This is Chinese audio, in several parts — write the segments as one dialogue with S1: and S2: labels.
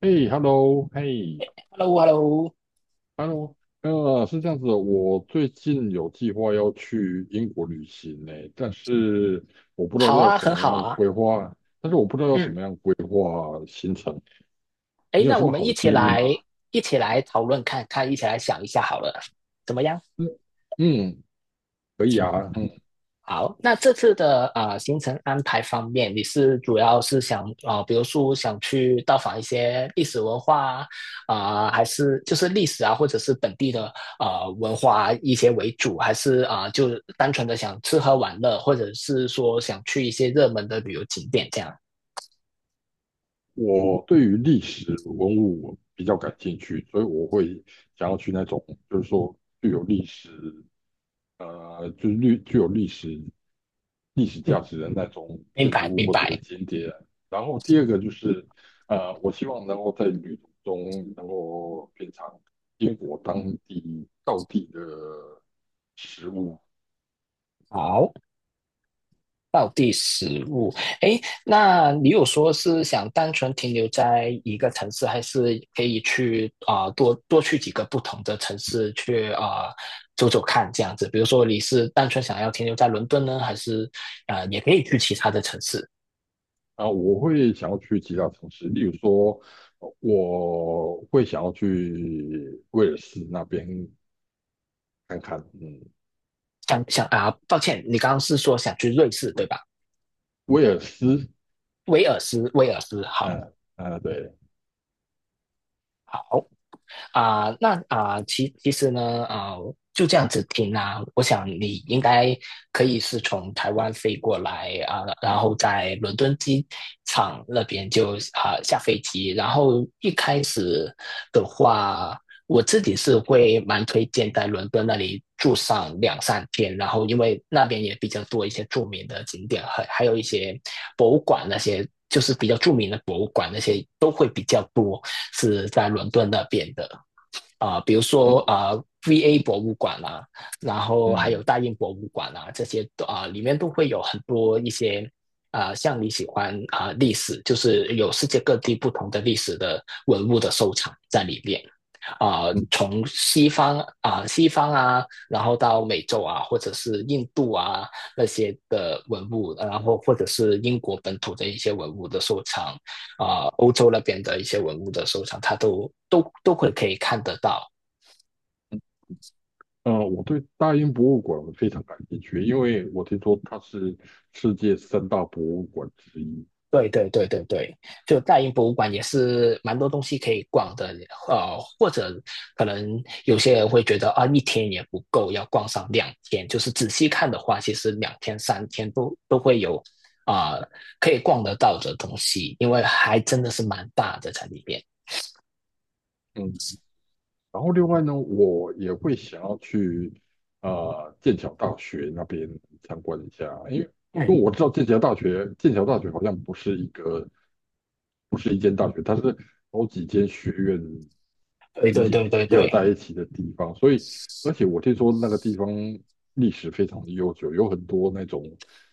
S1: 嘿，hello，嘿
S2: Hello，Hello，
S1: ，hello，是这样子的，我最近有计划要去英国旅行呢，但是我不知道
S2: 好
S1: 要
S2: 啊，
S1: 怎
S2: 很
S1: 么
S2: 好
S1: 样
S2: 啊。
S1: 规划，我不知道要怎
S2: 嗯，
S1: 么样规划行程，
S2: 诶，
S1: 你有
S2: 那
S1: 什
S2: 我
S1: 么
S2: 们
S1: 好
S2: 一
S1: 的
S2: 起
S1: 建议吗？
S2: 来，一起来讨论看看，一起来想一下好了，怎么样？
S1: 嗯，嗯，可以啊，嗯，
S2: 好，那这次的行程安排方面，你是主要是想比如说想去到访一些历史文化啊、还是就是历史啊，或者是本地的文化一些为主，还是就单纯的想吃喝玩乐，或者是说想去一些热门的旅游景点这样？
S1: 我对于历史文物比较感兴趣，所以我会想要去那种就是说具有历史。具有历史
S2: 嗯，
S1: 价值的那种
S2: 明
S1: 建筑
S2: 白，
S1: 物
S2: 明
S1: 或者是
S2: 白。
S1: 景点。然后第二个就是，我希望能够在旅途中能够品尝英国当地道地的食物。
S2: 好，道地食物。诶，那你有说是想单纯停留在一个城市，还是可以去多多去几个不同的城市去走走看这样子？比如说你是单纯想要停留在伦敦呢，还是也可以去其他的城市？
S1: 啊，我会想要去其他城市，例如说，我会想要去威尔士那边看看。嗯，
S2: 想想抱歉，你刚刚是说想去瑞士对吧？
S1: 威尔斯，
S2: 威尔斯，威尔斯好。
S1: 嗯、嗯、对，
S2: 那其实呢，就这样子听啊，我想你应该可以是从台湾飞过来然后在伦敦机场那边就下飞机，然后一开始的话，我自己是会蛮推荐在伦敦那里住上两三天，然后因为那边也比较多一些著名的景点，还有一些博物馆那些，就是比较著名的博物馆那些都会比较多，是在伦敦那边的。比如说
S1: 嗯
S2: VA 博物馆啦然后还有
S1: 嗯。
S2: 大英博物馆啦啊，这些都里面都会有很多一些像你喜欢历史，就是有世界各地不同的历史的文物的收藏在里面。
S1: 嗯
S2: 从西方西方啊，然后到美洲啊，或者是印度啊那些的文物，然后或者是英国本土的一些文物的收藏欧洲那边的一些文物的收藏，它都会可以看得到。
S1: 我对大英博物馆非常感兴趣，因为我听说它是世界三大博物馆之一。
S2: 对对对对对，就大英博物馆也是蛮多东西可以逛的，呃，或者可能有些人会觉得啊，一天也不够，要逛上两天。就是仔细看的话，其实两天三天都会有啊、呃可以逛得到的东西，因为还真的是蛮大的在里面。
S1: 嗯，然后另外呢，我也会想要去剑桥大学那边参观一下，因为
S2: 嗯，
S1: 我知道剑桥大学，好像不是一间大学，它是好几间学院
S2: 对
S1: 集
S2: 对
S1: 结
S2: 对对
S1: 集合
S2: 对，
S1: 在一起的地方，所以而且我听说那个地方历史非常的悠久，有很多那种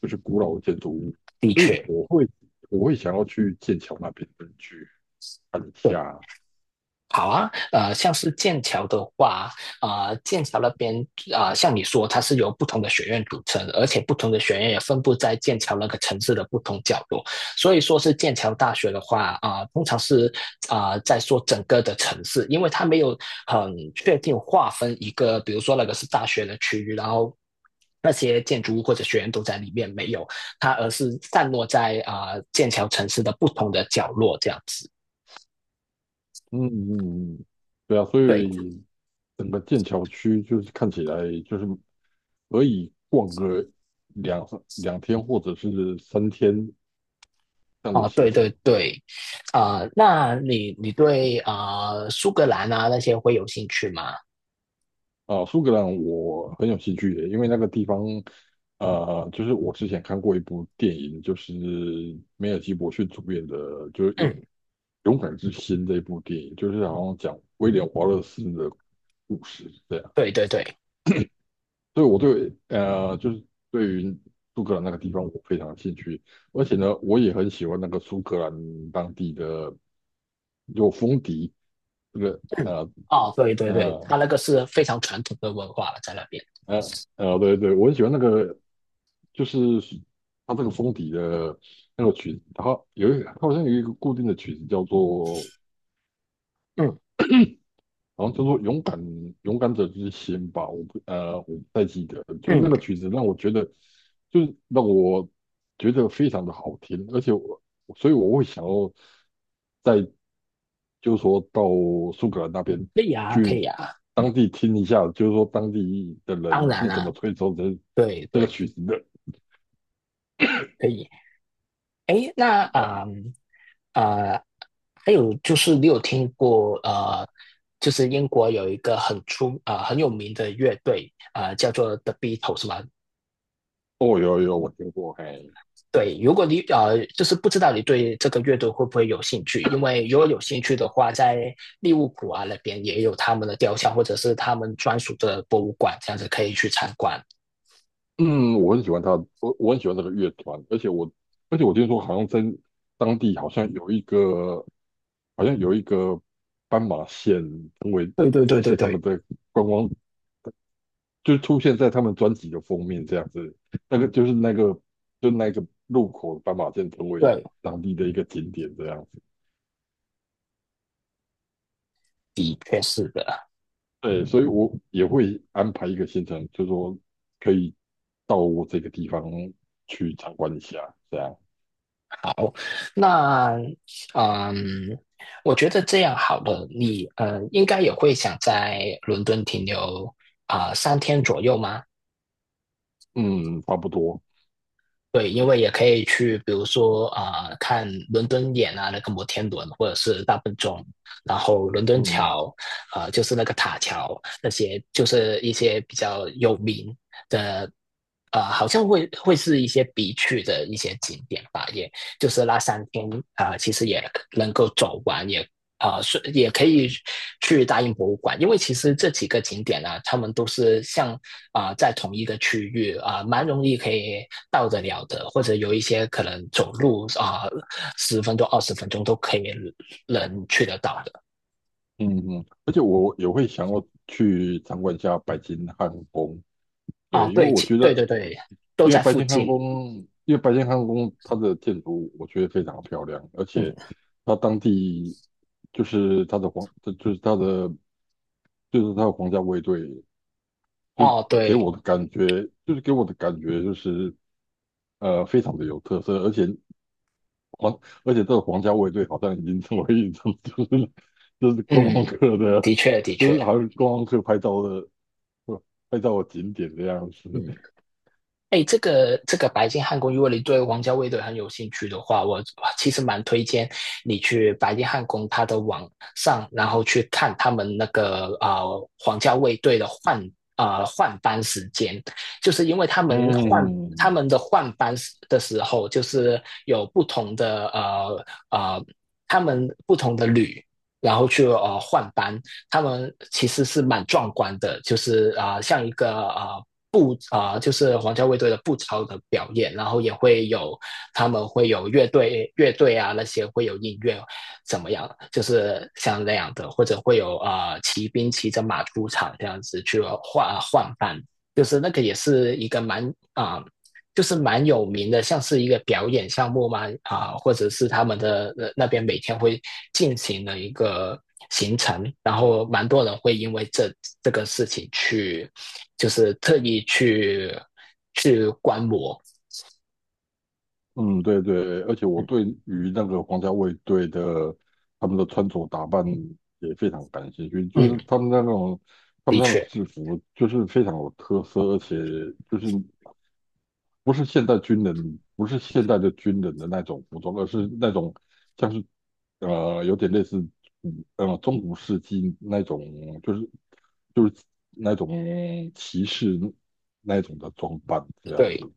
S1: 就是古老的建筑物，
S2: 的
S1: 所以
S2: 确，
S1: 我会想要去剑桥那边去看一
S2: 对，
S1: 下。
S2: 好啊，呃，像是剑桥的话，剑桥那边像你说，它是由不同的学院组成的而且不同的学院也分布在剑桥那个城市的不同角落。所以说是剑桥大学的话，通常是在说整个的城市，因为它没有很确定划分一个，比如说那个是大学的区域，然后。那些建筑物或者学院都在里面没有，它而是散落在剑桥城市的不同的角落这样子。
S1: 嗯嗯嗯，对啊，所
S2: 对，
S1: 以整个剑桥区就是看起来就是可以逛个两两天或者是3天这样的
S2: 哦，
S1: 行
S2: 对对
S1: 程
S2: 对，那你对苏格兰啊那些会有兴趣吗？
S1: 啊。苏格兰我很有兴趣的，因为那个地方，就是我之前看过一部电影，就是梅尔吉伯逊主演的，就是
S2: 嗯，
S1: 勇敢之心》这一部电影，就是好像讲威廉华勒斯的故事这样。
S2: 对对对，
S1: 所以我就是对于苏格兰那个地方我非常兴趣，而且呢，我也很喜欢那个苏格兰当地的有风笛，这个
S2: 嗯，哦，对对对，
S1: 呃
S2: 他那个是非常传统的文化了，在那边。
S1: 对对，我很喜欢那个，就是它这个风笛的那个曲子，它好像有一个固定的曲子叫做
S2: 嗯
S1: 然后他说：勇敢者之心吧，我不太记得了，就那
S2: 嗯，
S1: 个曲子让我觉得，就是让我觉得非常的好听，而且所以我会想要再就是说到苏格兰那边
S2: 可以啊，可
S1: 去
S2: 以啊，
S1: 当地听一下，就是说当地的
S2: 当
S1: 人
S2: 然
S1: 是怎么
S2: 啊，
S1: 吹奏
S2: 对
S1: 这个
S2: 对，
S1: 曲子的
S2: 可以。诶，那
S1: 啊。
S2: 呃呃还有就是你有听过，就是英国有一个很出很有名的乐队叫做 The Beatles 吗？
S1: 哦，有我听过，嘿，
S2: 对，如果你，就是不知道你对这个乐队会不会有兴趣，因为如果有兴趣的话，在利物浦啊那边也有他们的雕像，或者是他们专属的博物馆，这样子可以去参观。
S1: 嗯，我很喜欢他，我很喜欢这个乐团，而且我听说好像在当地好像有一个。斑马线成为
S2: 对对对对
S1: 是他
S2: 对
S1: 们的观光，就出现在他们专辑的封面这样子。那个就是那个就那个路口斑马线成为
S2: 对，
S1: 当地的一个景点这样子。
S2: 的确是的。
S1: 对，所以我也会安排一个行程，就说可以到这个地方去参观一下，这样。
S2: 好，那嗯，我觉得这样好了，你应该也会想在伦敦停留三天左右吗？
S1: 嗯，差不多。
S2: 对，因为也可以去，比如说看伦敦眼啊，那个摩天轮，或者是大笨钟，然后伦敦
S1: 嗯
S2: 桥，啊，就是那个塔桥，那些就是一些比较有名的，啊，好像会是一些必去的一些景点吧，也就是那三天其实也能够走完，也是也可以去大英博物馆，因为其实这几个景点呢、啊，他们都是像在同一个区域蛮容易可以到得了的，或者有一些可能走路啊十、1分钟、20分钟都可以能去得到的。
S1: 嗯嗯，而且我也会想要去参观一下北京汉宫。
S2: 啊，
S1: 对，
S2: 哦
S1: 因为
S2: 对，
S1: 我觉
S2: 对
S1: 得。
S2: 对对，都在附近。
S1: 因为白金汉宫它的建筑我觉得非常漂亮，而
S2: 嗯，
S1: 且它当地就是它的皇，就是它的就是它的皇家卫队
S2: 哦，对，
S1: 给我的感觉就是非常的有特色，而且皇这个皇家卫队好像已经成为一种就是 就是观光
S2: 嗯，
S1: 客的，
S2: 的确的
S1: 就
S2: 确，
S1: 是好像观光客拍照的景点这样子，
S2: 嗯。哎，这个这个白金汉宫，如果你对皇家卫队很有兴趣的话，我其实蛮推荐你去白金汉宫它的网上，然后去看他们那个王家卫队的换换班时间，就是因为他们换他
S1: 嗯。
S2: 们的换班的时候，就是有不同的呃他们不同的旅。然后去换班，他们其实是蛮壮观的，就是像一个步就是皇家卫队的步操的表演，然后也会有他们会有乐队啊那些会有音乐，怎么样？就是像那样的，或者会有骑兵骑着马出场这样子去换班，就是那个也是一个蛮啊、呃就是蛮有名的，像是一个表演项目嘛或者是他们的那边每天会进行的一个行程，然后蛮多人会因为这个事情去就是特意去观摩。
S1: 嗯，对对，而且我
S2: 嗯
S1: 对于那个皇家卫队的他们的穿着打扮也非常感兴趣，就
S2: 嗯，
S1: 是他
S2: 的
S1: 们那个
S2: 确，
S1: 制服就是非常有特色，而且就是不是现代军人，不是现代的军人的那种服装，而是那种像是有点类似中古世纪那种，就是就是那种骑士那种的装扮这样
S2: 对
S1: 子，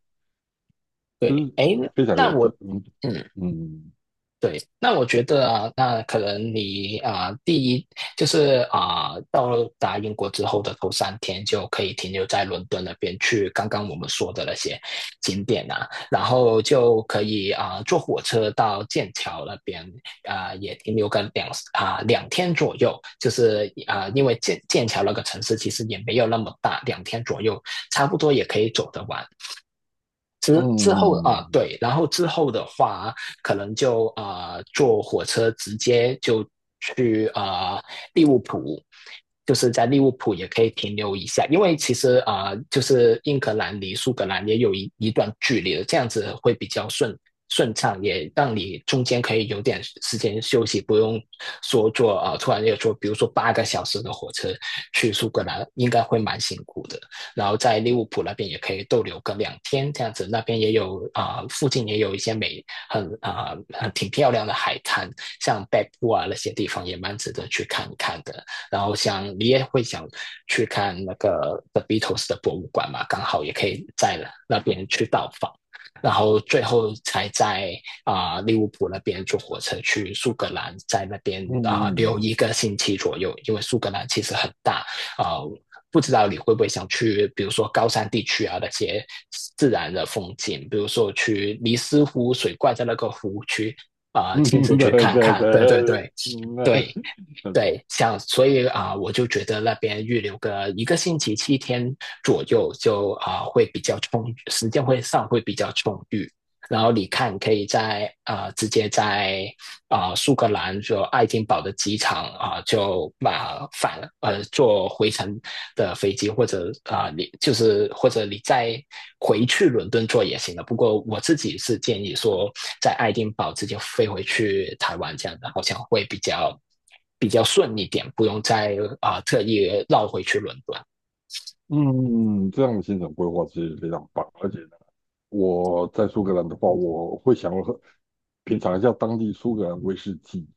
S1: 就
S2: 对。
S1: 是
S2: 哎，
S1: 非常有
S2: 那我
S1: 特。
S2: 嗯，
S1: 嗯，
S2: 对，那我觉得啊，那可能你啊，第一就是啊，到达英国之后的头三天就可以停留在伦敦那边去刚刚我们说的那些景点啊，然后就可以啊坐火车到剑桥那边啊，也停留个两啊两天左右，就是啊，因为剑桥那个城市其实也没有那么大，两天左右差不多也可以走得完。之
S1: 嗯
S2: 之后
S1: 嗯
S2: 对，然后之后的话，可能就坐火车直接就去利物浦，就是在利物浦也可以停留一下，因为其实就是英格兰离苏格兰也有一段距离的，这样子会比较顺畅，也让你中间可以有点时间休息，不用说坐突然要坐，比如说8个小时的火车去苏格兰，应该会蛮辛苦的。然后在利物浦那边也可以逗留个两天这样子，那边也有附近也有一些美很挺漂亮的海滩，像北部啊那些地方也蛮值得去看一看的。然后像你也会想去看那个 The Beatles 的博物馆嘛，刚好也可以在那边去到访。然后最后才在利物浦那边坐火车去苏格兰，在那边留
S1: 嗯，
S2: 一个星期左右，因为苏格兰其实很大啊、呃不知道你会不会想去，比如说高山地区啊那些自然的风景，比如说去尼斯湖水怪在那个湖区
S1: 嗯，
S2: 亲自
S1: 嗯
S2: 去
S1: 对
S2: 看
S1: 对
S2: 看。
S1: 对，
S2: 对对对，
S1: 嗯，那
S2: 对对，像所以我就觉得那边预留个一个星期7天左右就会比较充裕，时间会上会比较充裕。然后你看，可以在直接在苏格兰就爱丁堡的机场就把返坐回程的飞机，或者你就是或者你再回去伦敦坐也行的。不过我自己是建议说，在爱丁堡直接飞回去台湾这样的，好像会比较比较顺一点，不用再特意绕回去伦敦。
S1: 嗯，这样的行程规划其实非常棒，而且呢，我在苏格兰的话，我会想要品尝一下当地苏格兰威士忌。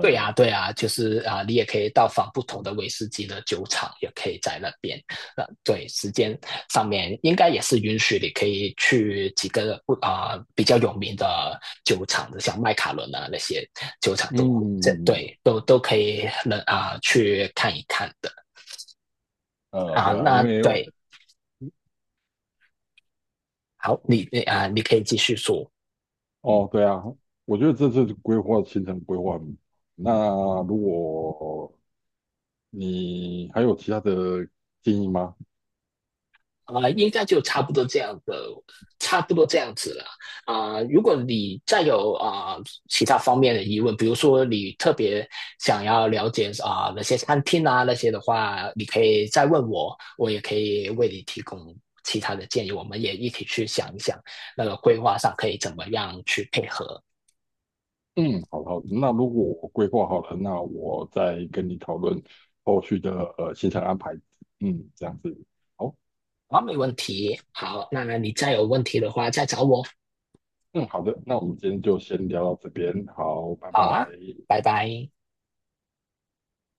S2: 对呀，对呀，就是啊，你也可以到访不同的威士忌的酒厂，也可以在那边。那对时间上面应该也是允许你可以去几个不比较有名的酒厂，像麦卡伦啊那些酒厂都这
S1: 嗯，
S2: 对都可以能去看一看的啊。
S1: 对啊，
S2: 那对，好，你可以继续说。
S1: 哦，对啊，我觉得这次规划行程规划，那如果你还有其他的建议吗？
S2: 应该就差不多这样的，差不多这样子了。如果你再有其他方面的疑问，比如说你特别想要了解那些餐厅啊那些的话，你可以再问我，我也可以为你提供其他的建议。我们也一起去想一想那个规划上可以怎么样去配合。
S1: 嗯，好好那如果我规划好了，那我再跟你讨论后续的行程安排。嗯，这样子。好，
S2: 好，没问题。好，那你再有问题的话再找我。
S1: 嗯，好的，那我们今天就先聊到这边，好，拜
S2: 好
S1: 拜。
S2: 啊，拜拜。